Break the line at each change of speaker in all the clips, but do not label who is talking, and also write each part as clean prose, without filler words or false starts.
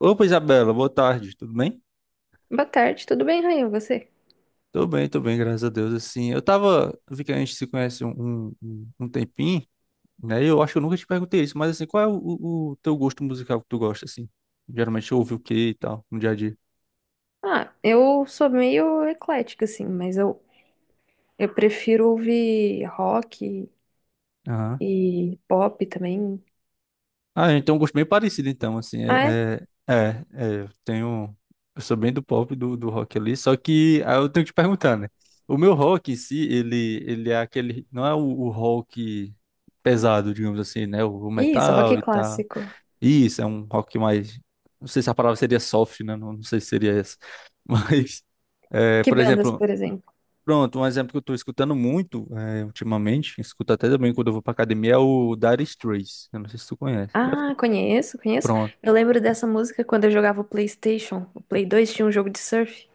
Opa, Isabela, boa tarde, tudo bem?
Boa tarde, tudo bem, Rainha? Você?
Tô bem, tô bem, graças a Deus, assim, eu vi que a gente se conhece um tempinho, né, e eu acho que eu nunca te perguntei isso, mas assim, qual é o teu gosto musical que tu gosta, assim? Geralmente eu ouvi o que e tal, no dia a
Ah, eu sou meio eclética, assim, mas eu prefiro ouvir rock
dia?
e pop também.
Ah, então um gosto bem parecido, então, assim,
Ah, é?
eu tenho, eu sou bem do pop, do rock ali, só que aí eu tenho que te perguntar, né, o meu rock em si, ele é aquele, não é o rock pesado, digamos assim, né, o
Isso, rock
metal e tal,
clássico.
isso, é um rock mais, não sei se a palavra seria soft, né, não sei se seria essa, mas, é,
Que
por
bandas,
exemplo,
por exemplo?
pronto, um exemplo que eu tô escutando muito, é, ultimamente, escuto até também quando eu vou pra academia, é o Dire Straits, eu não sei se tu conhece.
Ah, conheço, conheço.
Pronto.
Eu lembro dessa música quando eu jogava o PlayStation. O Play 2 tinha um jogo de surf.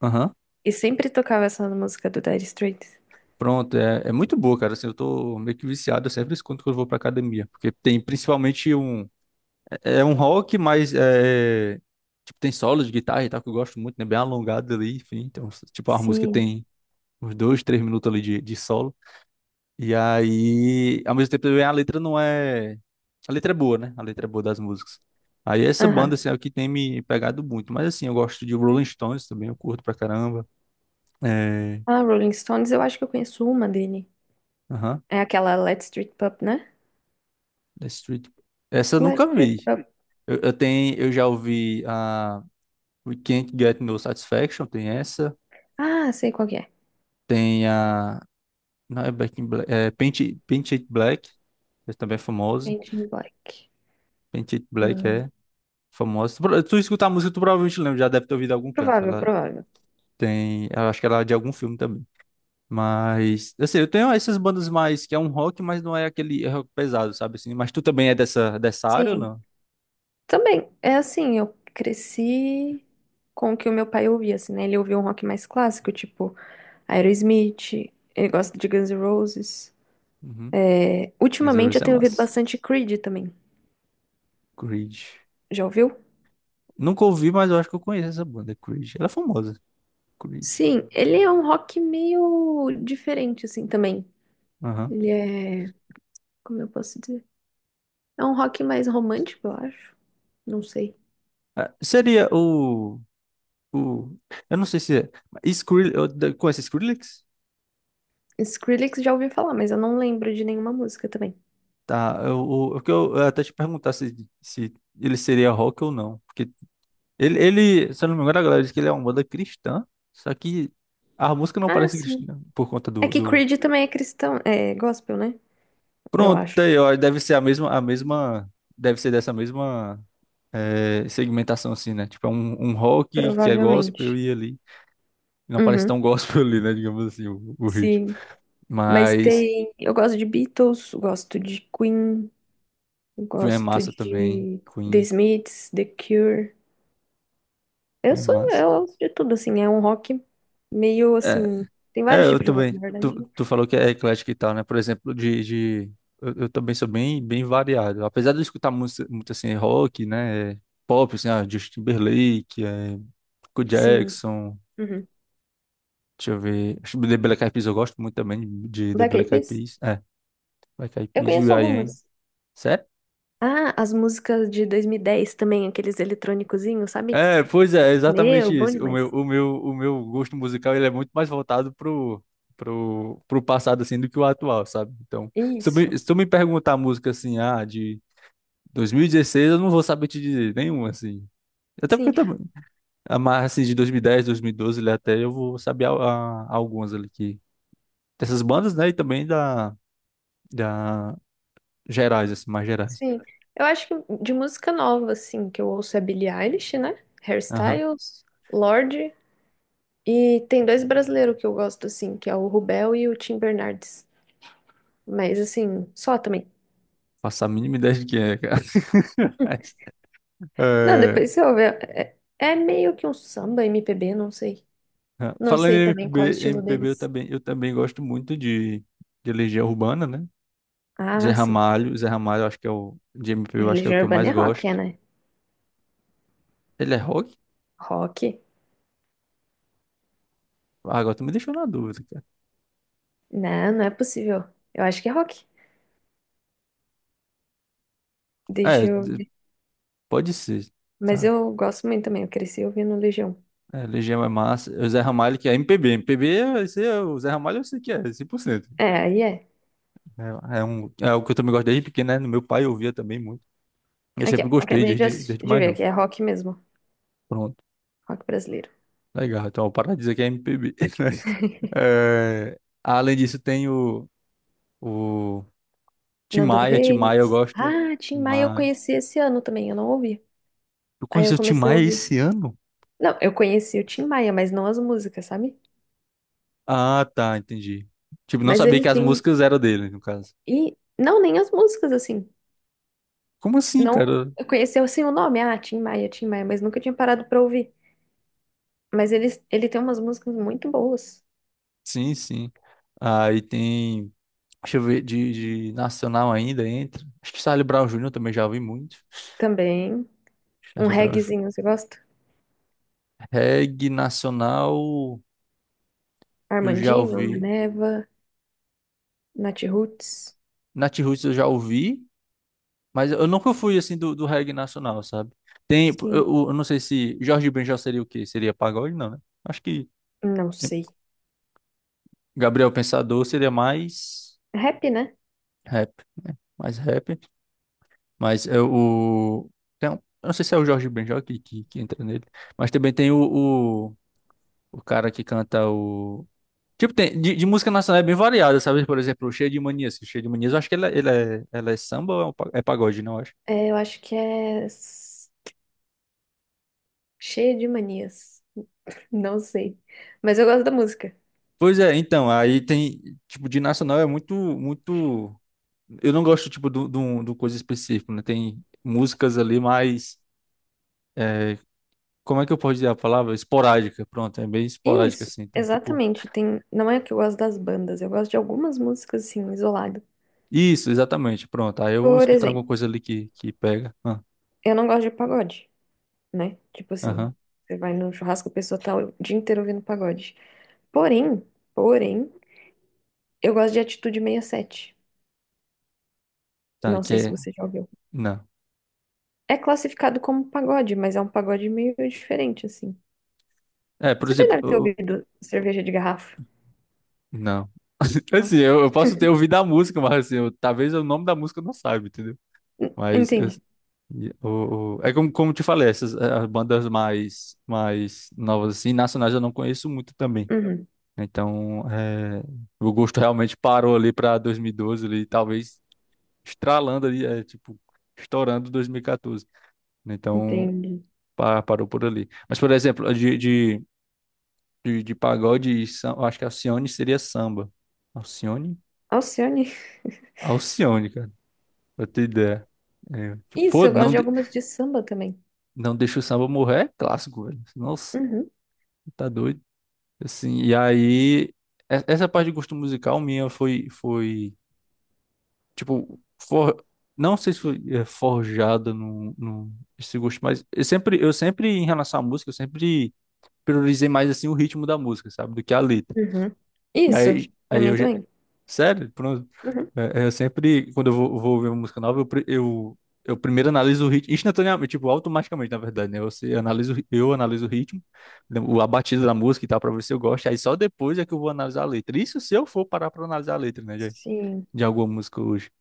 Aham.
E sempre tocava essa música do Dire Straits.
Pronto, é muito boa, cara. Assim, eu tô meio que viciado, eu sempre escuto quando eu vou pra academia. Porque tem principalmente um. É um rock, mas é. Tipo, tem solos de guitarra e tal, que eu gosto muito, né? Bem alongado ali, enfim. Então, tipo, a música
Sim.
tem uns dois, três minutos ali de solo. E aí, ao mesmo tempo, também a letra não é. A letra é boa, né? A letra é boa das músicas. Aí essa banda,
Aham.
assim, é o que tem me pegado muito. Mas assim, eu gosto de Rolling Stones também, eu curto pra caramba. É.
Ah, Rolling Stones, eu acho que eu conheço uma dele.
Aham.
É aquela Let's Street Pub, né?
The Street. Essa eu nunca
Let's Street
vi.
Pub.
Eu tenho, eu já ouvi a We Can't Get No Satisfaction, tem essa.
Ah, sei qual que é.
Tem a. Não é Back in Black. É Paint It Black, essa também é famosa.
Painting Black.
Paint It Black
Ah,
é famosa. Tu escutar a música, tu provavelmente lembra, já deve ter ouvido em algum canto.
provável,
Ela
provável.
tem. Eu acho que ela é de algum filme também. Mas, assim, eu tenho essas bandas mais que é um rock, mas não é aquele rock pesado, sabe assim? Mas tu também é dessa área ou
Sim.
não?
Também, é assim, eu cresci com o que o meu pai ouvia, assim, né? Ele ouvia um rock mais clássico, tipo Aerosmith, ele gosta de Guns N' Roses.
Uhum.
É, ultimamente
Zeros
eu
é
tenho ouvido
massa.
bastante Creed também.
Creed.
Já ouviu?
Nunca ouvi, mas eu acho que eu conheço essa banda, Creed. Ela é famosa. Creed.
Sim, ele é um rock meio diferente, assim, também.
Aham.
Ele é. Como eu posso dizer? É um rock mais romântico, eu acho. Não sei.
Ah, seria o. Eu não sei se é. Skrillex, com esse Skrillex?
Skrillex já ouvi falar, mas eu não lembro de nenhuma música também.
Tá. Eu o que eu, até te perguntar se ele seria rock ou não. Porque ele, se eu não me engano, a galera diz que ele é uma banda cristã. Só que a música não
Ah,
parece
sim.
cristã né, por conta
É
do,
que
do...
Creed também é cristão, é gospel, né? Eu
Pronto, tá
acho.
aí, ó, deve ser a mesma, a mesma. Deve ser dessa mesma segmentação, assim, né? Tipo, é um rock que é gospel
Provavelmente.
e ali. Não parece
Uhum,
tão gospel ali, né? Digamos assim, o ritmo.
sim. Mas
Mas
tem. Eu gosto de Beatles, eu gosto de Queen, eu
Queen é
gosto
massa também.
de The
Queen,
Smiths, The Cure. Eu
Queen é
sou,
massa.
eu gosto de tudo, assim. É um rock meio
É,
assim. Tem vários
eu
tipos de rock, na
também. Tu,
verdade, né?
tu falou que é eclético e tal, né? Por exemplo, de eu também sou bem, bem variado. Apesar de eu escutar música, muito assim, rock, né? Pop, assim, ah, Justin Timberlake, é, Michael
Sim.
Jackson,
Uhum.
deixa eu ver. Acho que The Black Eyed Peas eu gosto muito também de The
Black Eyed
Black Eyed
Peas?
Peas. É, Black Eyed
Eu
Peas,
conheço
will.i.am.
algumas. Ah, as músicas de 2010 também, aqueles eletrônicozinhos, sabe?
É, pois é,
Meu,
exatamente
bom
isso. O meu,
demais.
o meu, o meu gosto musical ele é muito mais voltado pro passado assim do que o atual, sabe? Então,
Isso.
se tu me perguntar a música assim, ah, de 2016, eu não vou saber te dizer nenhuma assim. Até porque
Sim,
também a mais assim de 2010, 2012, ali até eu vou saber algumas ali que dessas bandas, né, e também da gerais assim, mais gerais.
Sim, eu acho que de música nova, assim, que eu ouço é Billie Eilish, né?
Aham.
Hairstyles, Lorde. E tem dois brasileiros que eu gosto, assim, que é o Rubel e o Tim Bernardes. Mas, assim, só também.
Faço a mínima ideia de quem é, cara.
Não,
É,
depois você ouve. É, é meio que um samba, MPB, não sei.
ah,
Não
falando
sei
em
também qual é o
MPB,
estilo
MPB eu
deles.
também, gosto muito de Legião Urbana, né?
Ah, sim.
Zé Ramalho eu acho que é o de MPB, eu
Mas
acho que é o
Legião
que eu
Urbana
mais
é rock, é,
gosto.
né?
Ele é rock?
Rock?
Ah, agora tu me deixou na dúvida, cara.
Não, não é possível. Eu acho que é rock. Deixa
É,
eu
d-
ver.
Pode ser,
Mas
tá?
eu gosto muito também, eu cresci ouvindo Legião.
É, Legião é massa. É o Zé Ramalho que é MPB, esse é, o Zé Ramalho eu sei que é, 100%.
É, aí é.
Um, é o que eu também gosto desde pequeno, né? No, meu pai eu ouvia também muito. Eu
Aqui, ó.
sempre gostei
Acabei de,
desde, desde
de
mais
ver aqui.
novo.
É rock mesmo.
Pronto,
Rock brasileiro.
legal. Então, para de dizer que é MPB. É, além disso, tem o Tim
Nando
Maia, Tim Maia, eu
Reis.
gosto.
Ah,
Tim
Tim Maia eu
Maia.
conheci esse ano também. Eu não ouvi.
Tu
Aí eu
conheceu o Tim
comecei a
Maia
ouvir.
esse ano?
Não, eu conheci o Tim Maia, mas não as músicas, sabe?
Ah, tá, entendi. Tipo, não
Mas
sabia que
eles
as
têm.
músicas eram dele, no caso.
E não, nem as músicas, assim.
Como assim,
Não.
cara?
Eu conheci assim o nome. Ah, Tim Maia, mas nunca tinha parado pra ouvir. Mas ele tem umas músicas muito boas
Sim, sim. Aí tem. Deixa eu ver, de nacional ainda entra. Acho que Charlie Brown Júnior também já ouvi muito.
também. Um
Charlie Brown Jr.
reggaezinho, você gosta?
Reggae nacional, eu já
Armandinho,
ouvi.
Maneva, Nath Roots.
Nat Roots eu já ouvi. Mas eu nunca fui assim do reggae nacional, sabe? Tem,
Sim,
não sei se Jorge Benjor seria o quê? Seria pagode? Não, né? Acho que
não sei.
Gabriel Pensador seria mais
Rap, né?
rap, né? Mais rap. Mas é o. Tem, um- eu não sei se é o Jorge Benjor que entra nele. Mas também tem o cara que canta o. Tipo, tem, de música nacional é bem variada, sabe? Por exemplo, o Cheio de Manias. Cheio de Manias, eu acho que ele é, ela é samba ou é um é pagode, não?
É, eu acho que é cheia de manias. Não sei. Mas eu gosto da música.
Pois é, então, aí tem, tipo, de nacional é muito, muito, eu não gosto, tipo, do coisa específica, né? Tem músicas ali mais, é, como é que eu posso dizer a palavra? Esporádica, pronto, é bem esporádica,
Isso,
assim, então, tipo,
exatamente. Tem... Não é que eu gosto das bandas, eu gosto de algumas músicas, assim, isolado.
isso, exatamente, pronto, aí eu vou
Por
escutando alguma
exemplo,
coisa ali que pega, ah,
eu não gosto de pagode, né? Tipo assim,
aham,
você vai no churrasco, a pessoa tá o dia inteiro ouvindo pagode. Porém, porém, eu gosto de Atitude 67.
tá,
Não
que
sei se
é,
você já ouviu.
não,
É classificado como pagode, mas é um pagode meio diferente, assim.
é, por
Você já
exemplo,
deve ter ouvido cerveja de garrafa.
não,
Não.
assim, eu posso ter ouvido a música, mas, assim, eu- talvez o nome da música eu não saiba, entendeu? Mas eu,
Entende?
e é como te falei, essas as bandas mais, mais novas, assim, nacionais eu não conheço muito também.
Uhum,
Né? Então, o gosto realmente parou ali para 2012, ali, talvez estralando ali, tipo, estourando 2014. Então,
entendi.
parou por ali. Mas, por exemplo, de pagode, e eu acho que Alcione seria samba. Alcione?
Alcione.
Alcione, cara, pra ter ideia. É, tipo,
Isso,
pô,
eu gosto
não,
de algumas de samba também.
não deixa o samba morrer, é clássico, velho. Nossa,
Uhum,
tá doido. Assim, e aí, essa parte de gosto musical minha foi, tipo, for, não sei se foi é, forjada no esse gosto, mas eu sempre, em relação à música, eu sempre priorizei mais, assim, o ritmo da música, sabe, do que a letra.
uhum. Isso,
Aí,
pra
aí
mim
eu, já-
também.
Sério? Pronto.
Uhum.
Eu sempre, quando vou ouvir uma música nova, eu primeiro analiso o ritmo, instantaneamente, tipo, automaticamente, na verdade, né? Você analisa, eu analiso o ritmo, né, a batida da música e tal, pra ver se eu gosto. Aí só depois é que eu vou analisar a letra. Isso se eu for parar pra analisar a letra, né? De,
Sim.
de alguma música hoje.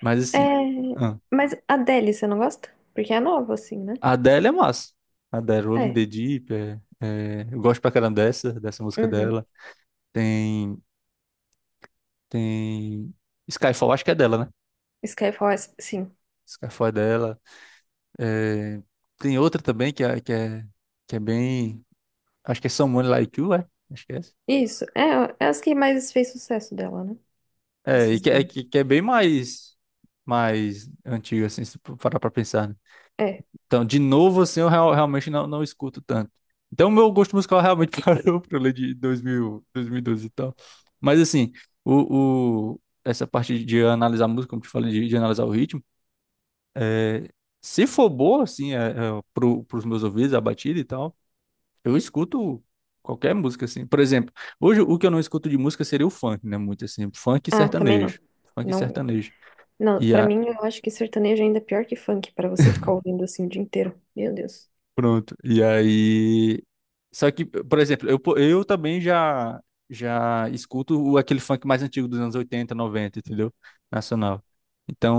Mas
É,
assim, ah,
mas a Adele, você não gosta? Porque é nova, assim, né?
a Adele é massa. A Adele, Rolling in
É.
the Deep, eu gosto pra caramba dessa música
Uhum.
dela. Tem, tem Skyfall, acho que é dela, né?
Skyfall, sim.
Skyfall é dela. É, tem outra também que é bem. Acho que é Someone Like You, é? Acho que é essa.
Isso, é, é as que mais fez sucesso dela, né?
É, e
Essas
que é,
daí.
que é bem mais, mais antigo, assim, se for parar pra pensar, né?
É.
Então, de novo, assim, eu realmente não escuto tanto. Então, meu gosto musical realmente parou pra ler de 2000, 2012 e doze e tal. Mas, assim, essa parte de analisar a música, como te falei, de analisar o ritmo, é, se for boa, assim, pros meus ouvidos, a batida e tal. Eu escuto qualquer música, assim. Por exemplo, hoje o que eu não escuto de música seria o funk, né? Muito assim, funk e
Ah, também não.
sertanejo. Funk e
Não,
sertanejo.
não,
E
pra
a...
mim, eu acho que sertanejo ainda é pior que funk, pra você ficar ouvindo assim o dia inteiro. Meu Deus.
Pronto. E aí. Só que, por exemplo, eu também já escuto aquele funk mais antigo dos anos 80, 90, entendeu? Nacional.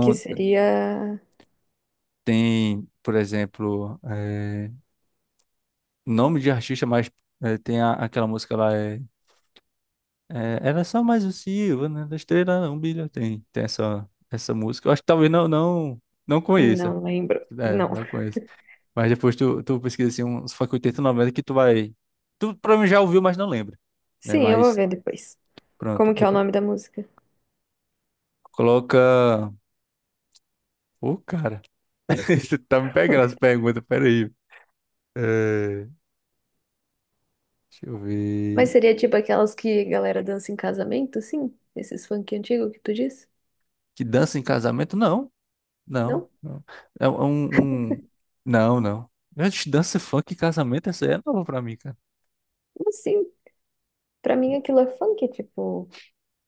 Que seria...
tem, por exemplo, nome de artista, mas tem aquela música lá. É, É, era só mais o Silva, né? Da estrela não brilha. Tem essa música. Eu acho que talvez não conheça.
Não lembro.
É,
Não.
não conheça. Mas depois tu pesquisa assim, uns funk 80, 90 que tu vai. Tu provavelmente já ouviu, mas não lembra. Né?
Sim, eu vou
Mas
ver depois.
pronto.
Como que é o
Depois
nome da música?
coloca. Ô, cara. Você tá me pegando as perguntas, peraí. É, deixa eu
Mas
ver.
seria tipo aquelas que a galera dança em casamento, sim? Esses funk antigo que tu disse?
Que dança em casamento? Não, não,
Não?
não. É um, não, não. Gente, dança funk em casamento, essa aí é nova pra mim, cara.
Como assim? Pra mim aquilo é funk, tipo,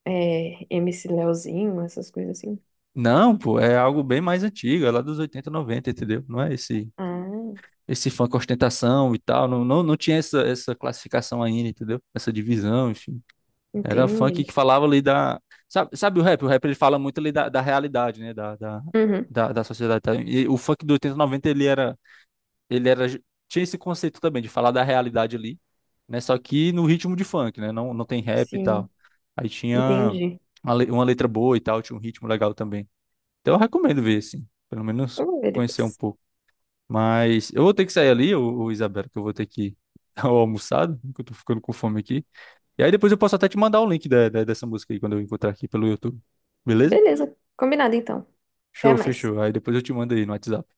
é, MC Leozinho, essas coisas assim.
Não, pô, é algo bem mais antigo, é lá dos 80, 90, entendeu? Não é
Ah,
esse funk com ostentação e tal, não, não, não tinha essa classificação ainda, entendeu? Essa divisão, enfim. Era
entendi.
funk que falava ali da... Sabe o rap? O rap ele fala muito ali da realidade, né?
Uhum,
Da sociedade. Tá? E o funk do 80, 90 ele era... Tinha esse conceito também de falar da realidade ali, né? Só que no ritmo de funk, né? Não tem rap e
sim,
tal. Aí tinha
entendi.
uma letra boa e tal, tinha um ritmo legal também. Então eu recomendo ver, assim, pelo menos
Eu vou ver
conhecer um
depois.
pouco. Mas eu vou ter que sair ali, ô Isabela, que eu vou ter que dar o almoçado, que eu tô ficando com fome aqui. E aí depois eu posso até te mandar o link dessa música aí, quando eu encontrar aqui pelo YouTube. Beleza?
Beleza, combinado então. Até
Show,
mais.
fechou. Aí depois eu te mando aí no WhatsApp.